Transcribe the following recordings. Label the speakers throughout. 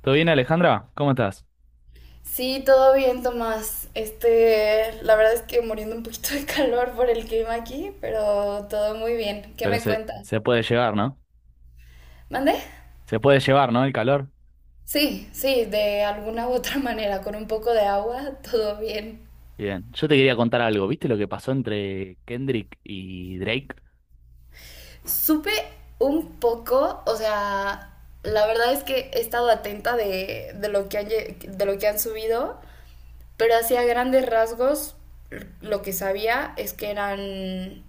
Speaker 1: ¿Todo bien, Alejandra? ¿Cómo estás?
Speaker 2: Sí, todo bien, Tomás. La verdad es que muriendo un poquito de calor por el clima aquí, pero todo muy bien. ¿Qué
Speaker 1: Pero
Speaker 2: me
Speaker 1: se,
Speaker 2: cuentas?
Speaker 1: se puede llevar, ¿no?
Speaker 2: ¿Mande?
Speaker 1: Se puede llevar, ¿no? El calor.
Speaker 2: Sí, sí, de alguna u otra manera, con un poco de agua, todo bien.
Speaker 1: Bien. Yo te quería contar algo. ¿Viste lo que pasó entre Kendrick y Drake?
Speaker 2: Supe un poco, o sea, la verdad es que he estado atenta de lo que han, de lo que han subido. Pero hacia grandes rasgos, lo que sabía es que eran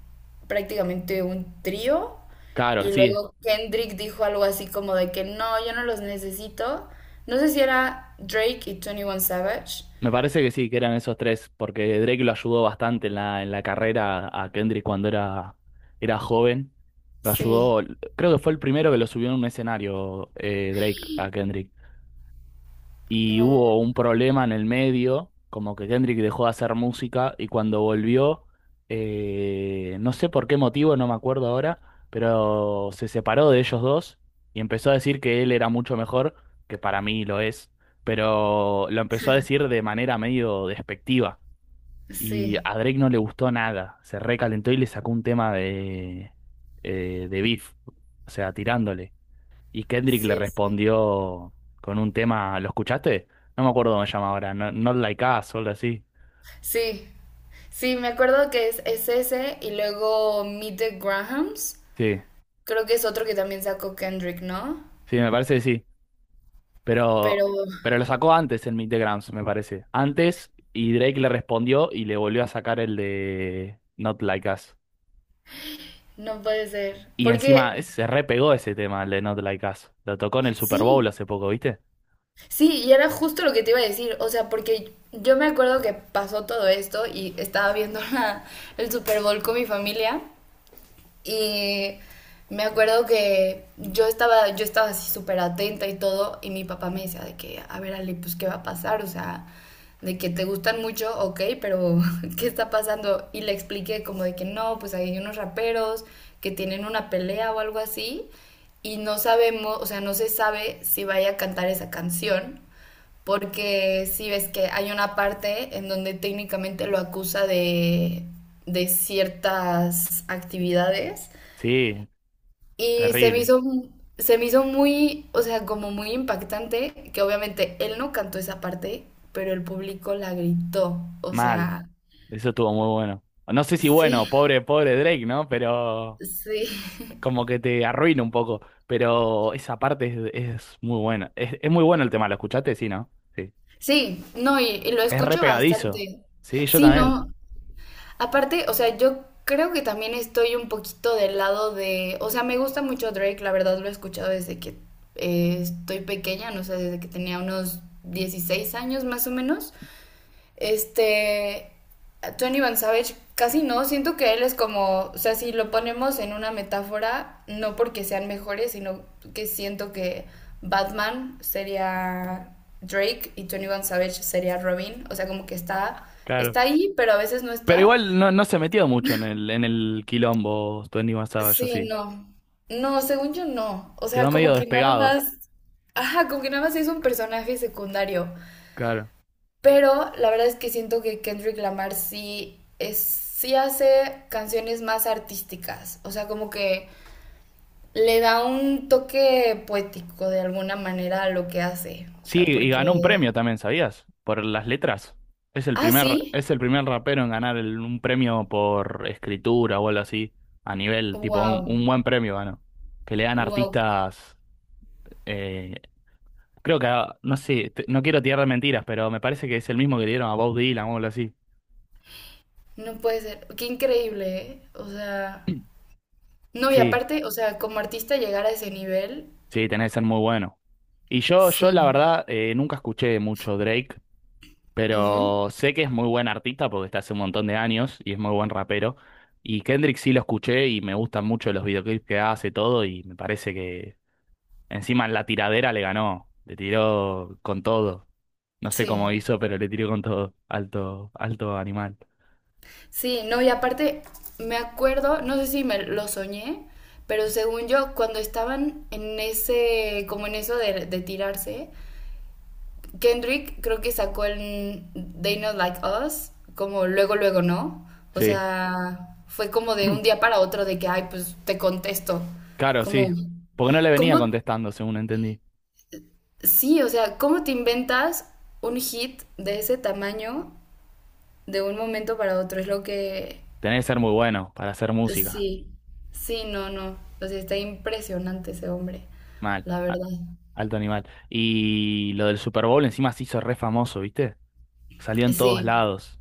Speaker 2: prácticamente un trío.
Speaker 1: Claro,
Speaker 2: Y
Speaker 1: sí.
Speaker 2: luego Kendrick dijo algo así como de que no, yo no los necesito. No sé si era Drake y 21 Savage.
Speaker 1: Me parece que sí, que eran esos tres, porque Drake lo ayudó bastante en la carrera a Kendrick cuando era joven. Lo
Speaker 2: Sí,
Speaker 1: ayudó, creo que fue el primero que lo subió en un escenario, Drake a Kendrick. Y
Speaker 2: no,
Speaker 1: hubo un problema en el medio, como que Kendrick dejó de hacer música y cuando volvió, no sé por qué motivo, no me acuerdo ahora, pero se separó de ellos dos y empezó a decir que él era mucho mejor, que para mí lo es, pero lo empezó a decir de manera medio despectiva. Y
Speaker 2: sí,
Speaker 1: a Drake no le gustó nada, se recalentó y le sacó un tema de beef, o sea, tirándole. Y Kendrick le
Speaker 2: sí, sí.
Speaker 1: respondió con un tema, ¿lo escuchaste? No me acuerdo cómo se llama ahora, Not Like Us o algo así.
Speaker 2: Sí, sí, me acuerdo que es ese y luego Meet the Grahams.
Speaker 1: Sí,
Speaker 2: Creo que es otro que también sacó Kendrick, ¿no?
Speaker 1: sí, me parece que sí.
Speaker 2: Pero
Speaker 1: Pero, pero lo sacó antes en Meet the Grams, me parece. Antes, y Drake le respondió y le volvió a sacar el de Not Like Us.
Speaker 2: no puede ser.
Speaker 1: Y encima
Speaker 2: Porque
Speaker 1: se repegó ese tema, el de Not Like Us. Lo tocó en el Super Bowl
Speaker 2: sí.
Speaker 1: hace poco, ¿viste?
Speaker 2: Sí, y era justo lo que te iba a decir, o sea, porque yo me acuerdo que pasó todo esto y estaba viendo el Super Bowl con mi familia y me acuerdo que yo estaba así súper atenta y todo y mi papá me decía de que, a ver Ale, pues ¿qué va a pasar? O sea, de que te gustan mucho, ok, pero ¿qué está pasando? Y le expliqué como de que no, pues hay unos raperos que tienen una pelea o algo así y no sabemos, o sea, no se sabe si vaya a cantar esa canción porque sí ves que hay una parte en donde técnicamente lo acusa de ciertas actividades
Speaker 1: Sí,
Speaker 2: y
Speaker 1: terrible.
Speaker 2: se me hizo muy, o sea, como muy impactante que obviamente él no cantó esa parte, pero el público la gritó, o
Speaker 1: Mal.
Speaker 2: sea,
Speaker 1: Eso estuvo muy bueno. No sé si
Speaker 2: sí,
Speaker 1: bueno, pobre, pobre Drake, ¿no? Pero
Speaker 2: sí,
Speaker 1: como que te arruina un poco, pero esa parte es muy buena. Es muy bueno el tema, ¿lo escuchaste? Sí, ¿no? Sí.
Speaker 2: sí, no, y lo
Speaker 1: Es re
Speaker 2: escucho
Speaker 1: pegadizo.
Speaker 2: bastante.
Speaker 1: Sí, yo
Speaker 2: Sí,
Speaker 1: también,
Speaker 2: no, aparte, o sea, yo creo que también estoy un poquito del lado de, o sea, me gusta mucho Drake, la verdad lo he escuchado desde que estoy pequeña, no sé, desde que tenía unos 16 años más o menos. Este, Tony Van Savage casi no, siento que él es como, o sea, si lo ponemos en una metáfora, no porque sean mejores, sino que siento que Batman sería Drake y Tony Van Savage sería Robin, o sea, como que está, está
Speaker 1: claro.
Speaker 2: ahí, pero a veces no
Speaker 1: Pero
Speaker 2: está.
Speaker 1: igual no, no se metió mucho en el quilombo Twenty One Savage, yo
Speaker 2: Sí,
Speaker 1: sí.
Speaker 2: no. No, según yo no. O
Speaker 1: Quedó
Speaker 2: sea,
Speaker 1: medio
Speaker 2: como que nada
Speaker 1: despegado,
Speaker 2: más. Ajá, como que nada más es un personaje secundario.
Speaker 1: claro.
Speaker 2: Pero la verdad es que siento que Kendrick Lamar sí es, sí hace canciones más artísticas. O sea, como que le da un toque poético de alguna manera a lo que hace. O
Speaker 1: Sí,
Speaker 2: sea,
Speaker 1: y
Speaker 2: porque.
Speaker 1: ganó un premio también, ¿sabías? Por las letras. Es
Speaker 2: Ah, sí.
Speaker 1: es el primer rapero en ganar un premio por escritura o algo así, a nivel, tipo,
Speaker 2: Wow.
Speaker 1: un buen premio ganó. Que le dan
Speaker 2: Wow.
Speaker 1: artistas, eh, creo que, ah, no sé, no quiero tirar de mentiras, pero me parece que es el mismo que le dieron a Bob Dylan o algo así.
Speaker 2: No puede ser. Qué increíble, ¿eh? O sea. No, y
Speaker 1: Sí,
Speaker 2: aparte, o sea, como artista llegar a ese nivel,
Speaker 1: sí, tenés que ser muy bueno. Y yo la
Speaker 2: sí.
Speaker 1: verdad, nunca escuché mucho Drake,
Speaker 2: Ujú.
Speaker 1: pero sé que es muy buen artista porque está hace un montón de años y es muy buen rapero. Y Kendrick sí lo escuché y me gustan mucho los videoclips que hace todo y me parece que encima en la tiradera le ganó, le tiró con todo. No sé cómo
Speaker 2: Sí,
Speaker 1: hizo, pero le tiró con todo. Alto, alto animal.
Speaker 2: sí, no, y aparte me acuerdo, no sé si me lo soñé, pero según yo, cuando estaban en ese, como en eso de tirarse, Kendrick creo que sacó el They Not Like Us, como luego, luego, ¿no? O
Speaker 1: Sí.
Speaker 2: sea, fue como de un día para otro de que, ay, pues te contesto,
Speaker 1: Claro,
Speaker 2: como...
Speaker 1: sí. Porque no le venía
Speaker 2: ¿Cómo?
Speaker 1: contestando, según entendí.
Speaker 2: Sí, o sea, ¿cómo te inventas un hit de ese tamaño de un momento para otro? Es lo que,
Speaker 1: Tenés que ser muy bueno para hacer música.
Speaker 2: sí, sí, no, no. O sea, está impresionante ese hombre,
Speaker 1: Mal.
Speaker 2: la verdad.
Speaker 1: Alto animal. Y lo del Super Bowl encima se hizo re famoso, ¿viste? Salió en todos
Speaker 2: Sí,
Speaker 1: lados.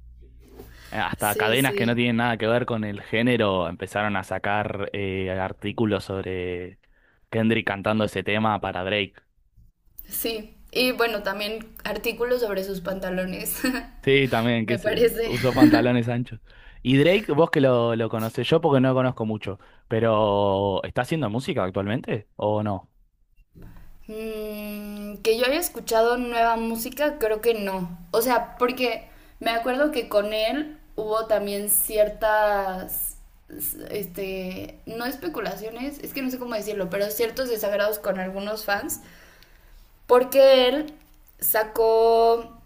Speaker 1: Hasta
Speaker 2: sí,
Speaker 1: cadenas que no
Speaker 2: sí,
Speaker 1: tienen nada que ver con el género empezaron a sacar artículos sobre Kendrick cantando ese tema para Drake.
Speaker 2: sí. Y bueno, también artículos sobre sus pantalones,
Speaker 1: Sí, también, que
Speaker 2: me
Speaker 1: se
Speaker 2: parece.
Speaker 1: usó pantalones anchos. Y Drake, vos que lo conocés, yo porque no lo conozco mucho, pero ¿está haciendo música actualmente o no?
Speaker 2: Mm, que yo haya escuchado nueva música, creo que no. O sea, porque me acuerdo que con él hubo también ciertas, no especulaciones, es que no sé cómo decirlo, pero ciertos desagrados con algunos fans. Porque él sacó,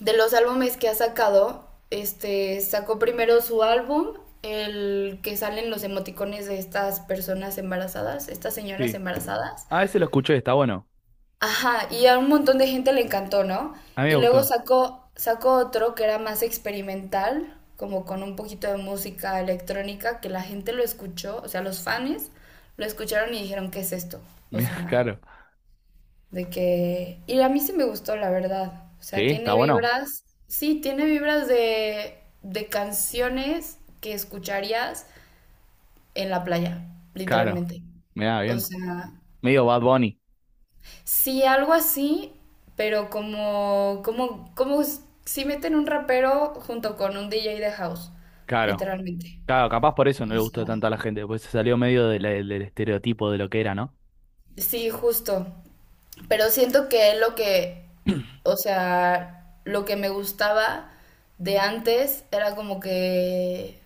Speaker 2: de los álbumes que ha sacado, sacó primero su álbum, el que salen los emoticones de estas personas embarazadas, estas señoras
Speaker 1: Sí.
Speaker 2: embarazadas.
Speaker 1: Ah, ese lo escuché, está bueno.
Speaker 2: Ajá, y a un montón de gente le encantó, ¿no?
Speaker 1: A mí me
Speaker 2: Y luego
Speaker 1: gustó.
Speaker 2: sacó, sacó otro que era más experimental, como con un poquito de música electrónica, que la gente lo escuchó, o sea, los fans lo escucharon y dijeron, ¿qué es esto? O
Speaker 1: Mira,
Speaker 2: sea,
Speaker 1: claro.
Speaker 2: de que, y a mí sí me gustó, la verdad. O sea,
Speaker 1: Sí, está
Speaker 2: tiene
Speaker 1: bueno.
Speaker 2: vibras, sí, tiene vibras de canciones que escucharías en la playa,
Speaker 1: Claro.
Speaker 2: literalmente.
Speaker 1: Mira,
Speaker 2: O
Speaker 1: bien.
Speaker 2: sea,
Speaker 1: Medio Bad Bunny.
Speaker 2: sí, algo así, pero como si meten un rapero junto con un DJ de house,
Speaker 1: Claro.
Speaker 2: literalmente.
Speaker 1: Claro, capaz por eso no
Speaker 2: O
Speaker 1: le gustó
Speaker 2: sea,
Speaker 1: tanto a la gente, pues se salió medio de del estereotipo de lo que era, ¿no?
Speaker 2: sí, justo. Pero siento que lo que, o sea, lo que me gustaba de antes era como que,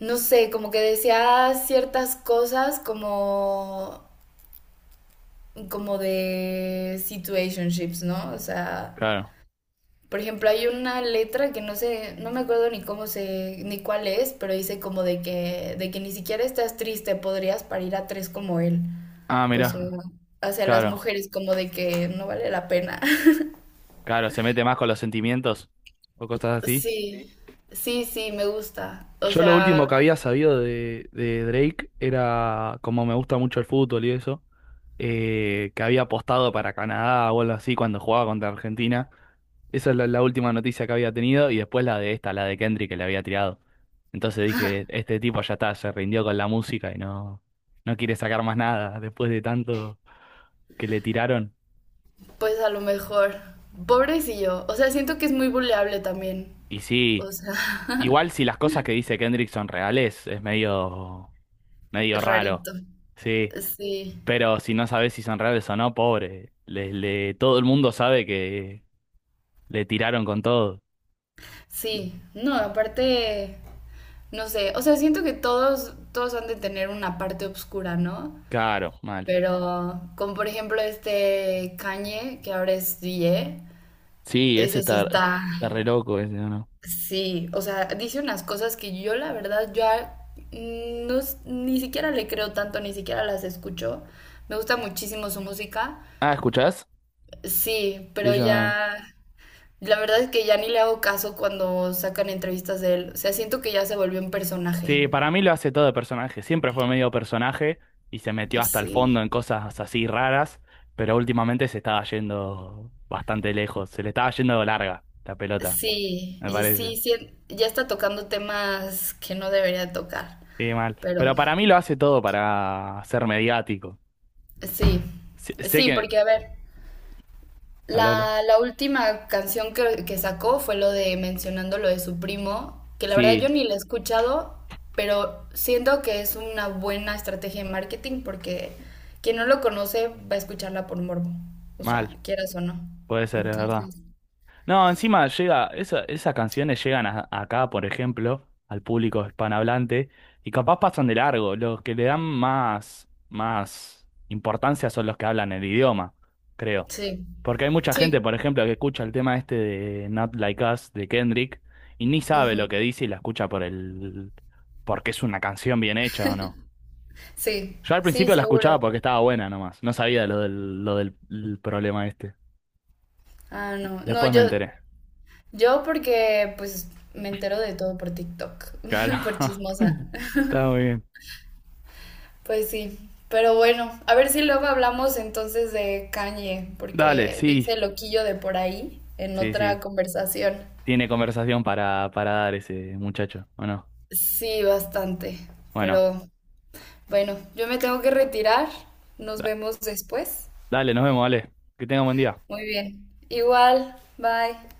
Speaker 2: no sé, como que decía ciertas cosas como, como de situationships, ¿no? O sea,
Speaker 1: Claro.
Speaker 2: por ejemplo, hay una letra que no sé, no me acuerdo ni cómo se, ni cuál es, pero dice como de que ni siquiera estás triste, podrías parir a tres como él.
Speaker 1: Ah,
Speaker 2: O sea,
Speaker 1: mira.
Speaker 2: hacia las
Speaker 1: Claro.
Speaker 2: mujeres como de que no vale la pena.
Speaker 1: Claro, se mete más con los sentimientos o cosas así.
Speaker 2: Sí, ¿sí? Sí, sí, me gusta. O
Speaker 1: Yo lo último
Speaker 2: sea,
Speaker 1: que había sabido de Drake era, como me gusta mucho el fútbol y eso, que había apostado para Canadá o algo así cuando jugaba contra Argentina. Esa es la última noticia que había tenido y después la de esta, la de Kendrick que le había tirado. Entonces dije, este tipo ya está, se rindió con la música y no, no quiere sacar más nada después de tanto que le tiraron.
Speaker 2: pues a lo mejor, pobrecillo. O sea, siento que es muy buleable también.
Speaker 1: Y sí,
Speaker 2: O sea,
Speaker 1: igual si las cosas que dice Kendrick son reales, es medio raro.
Speaker 2: rarito.
Speaker 1: Sí,
Speaker 2: Sí,
Speaker 1: pero si no sabes si son reales o no, pobre. Todo el mundo sabe que le tiraron con todo.
Speaker 2: sí. No, aparte, no sé. O sea, siento que todos, todos han de tener una parte oscura, ¿no?
Speaker 1: Claro, mal.
Speaker 2: Pero, como por ejemplo este Kanye, que ahora es DJ,
Speaker 1: Sí, ese
Speaker 2: ese sí
Speaker 1: está,
Speaker 2: está.
Speaker 1: está re loco ese, ¿o no?
Speaker 2: Sí, o sea, dice unas cosas que yo la verdad ya no, ni siquiera le creo tanto, ni siquiera las escucho. Me gusta muchísimo su música.
Speaker 1: Ah, ¿escuchás?
Speaker 2: Sí,
Speaker 1: Sí,
Speaker 2: pero
Speaker 1: yo también.
Speaker 2: ya, la verdad es que ya ni le hago caso cuando sacan entrevistas de él. O sea, siento que ya se volvió un personaje.
Speaker 1: Sí, para mí lo hace todo de personaje. Siempre fue medio personaje y se metió hasta el
Speaker 2: Sí.
Speaker 1: fondo en cosas así raras, pero últimamente se estaba yendo bastante lejos. Se le estaba yendo larga la pelota,
Speaker 2: Sí,
Speaker 1: me parece.
Speaker 2: sí, ya está tocando temas que no debería tocar,
Speaker 1: Sí, mal.
Speaker 2: pero
Speaker 1: Pero para mí lo hace todo para ser mediático.
Speaker 2: sí,
Speaker 1: Sé
Speaker 2: sí,
Speaker 1: que...
Speaker 2: porque a ver.
Speaker 1: Habla, habla.
Speaker 2: La última canción que sacó fue lo de mencionando lo de su primo, que la verdad yo
Speaker 1: Sí,
Speaker 2: ni la he escuchado, pero siento que es una buena estrategia de marketing porque quien no lo conoce va a escucharla por morbo, o
Speaker 1: mal.
Speaker 2: sea, quieras o no.
Speaker 1: Puede ser, es verdad.
Speaker 2: Entonces,
Speaker 1: No, encima llega, esas canciones llegan acá, por ejemplo, al público hispanohablante, y capaz pasan de largo. Los que le dan más importancia son los que hablan el idioma, creo.
Speaker 2: sí,
Speaker 1: Porque hay mucha gente,
Speaker 2: sí,
Speaker 1: por ejemplo, que escucha el tema este de Not Like Us de Kendrick y ni sabe
Speaker 2: ujú,
Speaker 1: lo que dice y la escucha por el, porque es una canción bien hecha o no.
Speaker 2: sí,
Speaker 1: Yo al
Speaker 2: sí,
Speaker 1: principio la
Speaker 2: seguro.
Speaker 1: escuchaba porque estaba buena nomás, no sabía lo del el problema este.
Speaker 2: Ah, no, no,
Speaker 1: Después me enteré.
Speaker 2: yo porque pues me entero de todo por TikTok,
Speaker 1: Claro.
Speaker 2: por chismosa.
Speaker 1: Está muy bien.
Speaker 2: Pues sí, pero bueno, a ver si luego hablamos entonces de Kanye,
Speaker 1: Dale,
Speaker 2: porque de
Speaker 1: sí,
Speaker 2: ese loquillo de por ahí en
Speaker 1: sí,
Speaker 2: otra
Speaker 1: sí.
Speaker 2: conversación.
Speaker 1: Tiene conversación para dar ese muchacho, ¿o no?
Speaker 2: Sí, bastante,
Speaker 1: Bueno,
Speaker 2: pero bueno, yo me tengo que retirar. Nos
Speaker 1: da-
Speaker 2: vemos después.
Speaker 1: dale, nos vemos, dale. Que tenga un buen día.
Speaker 2: Muy bien. Igual, bye.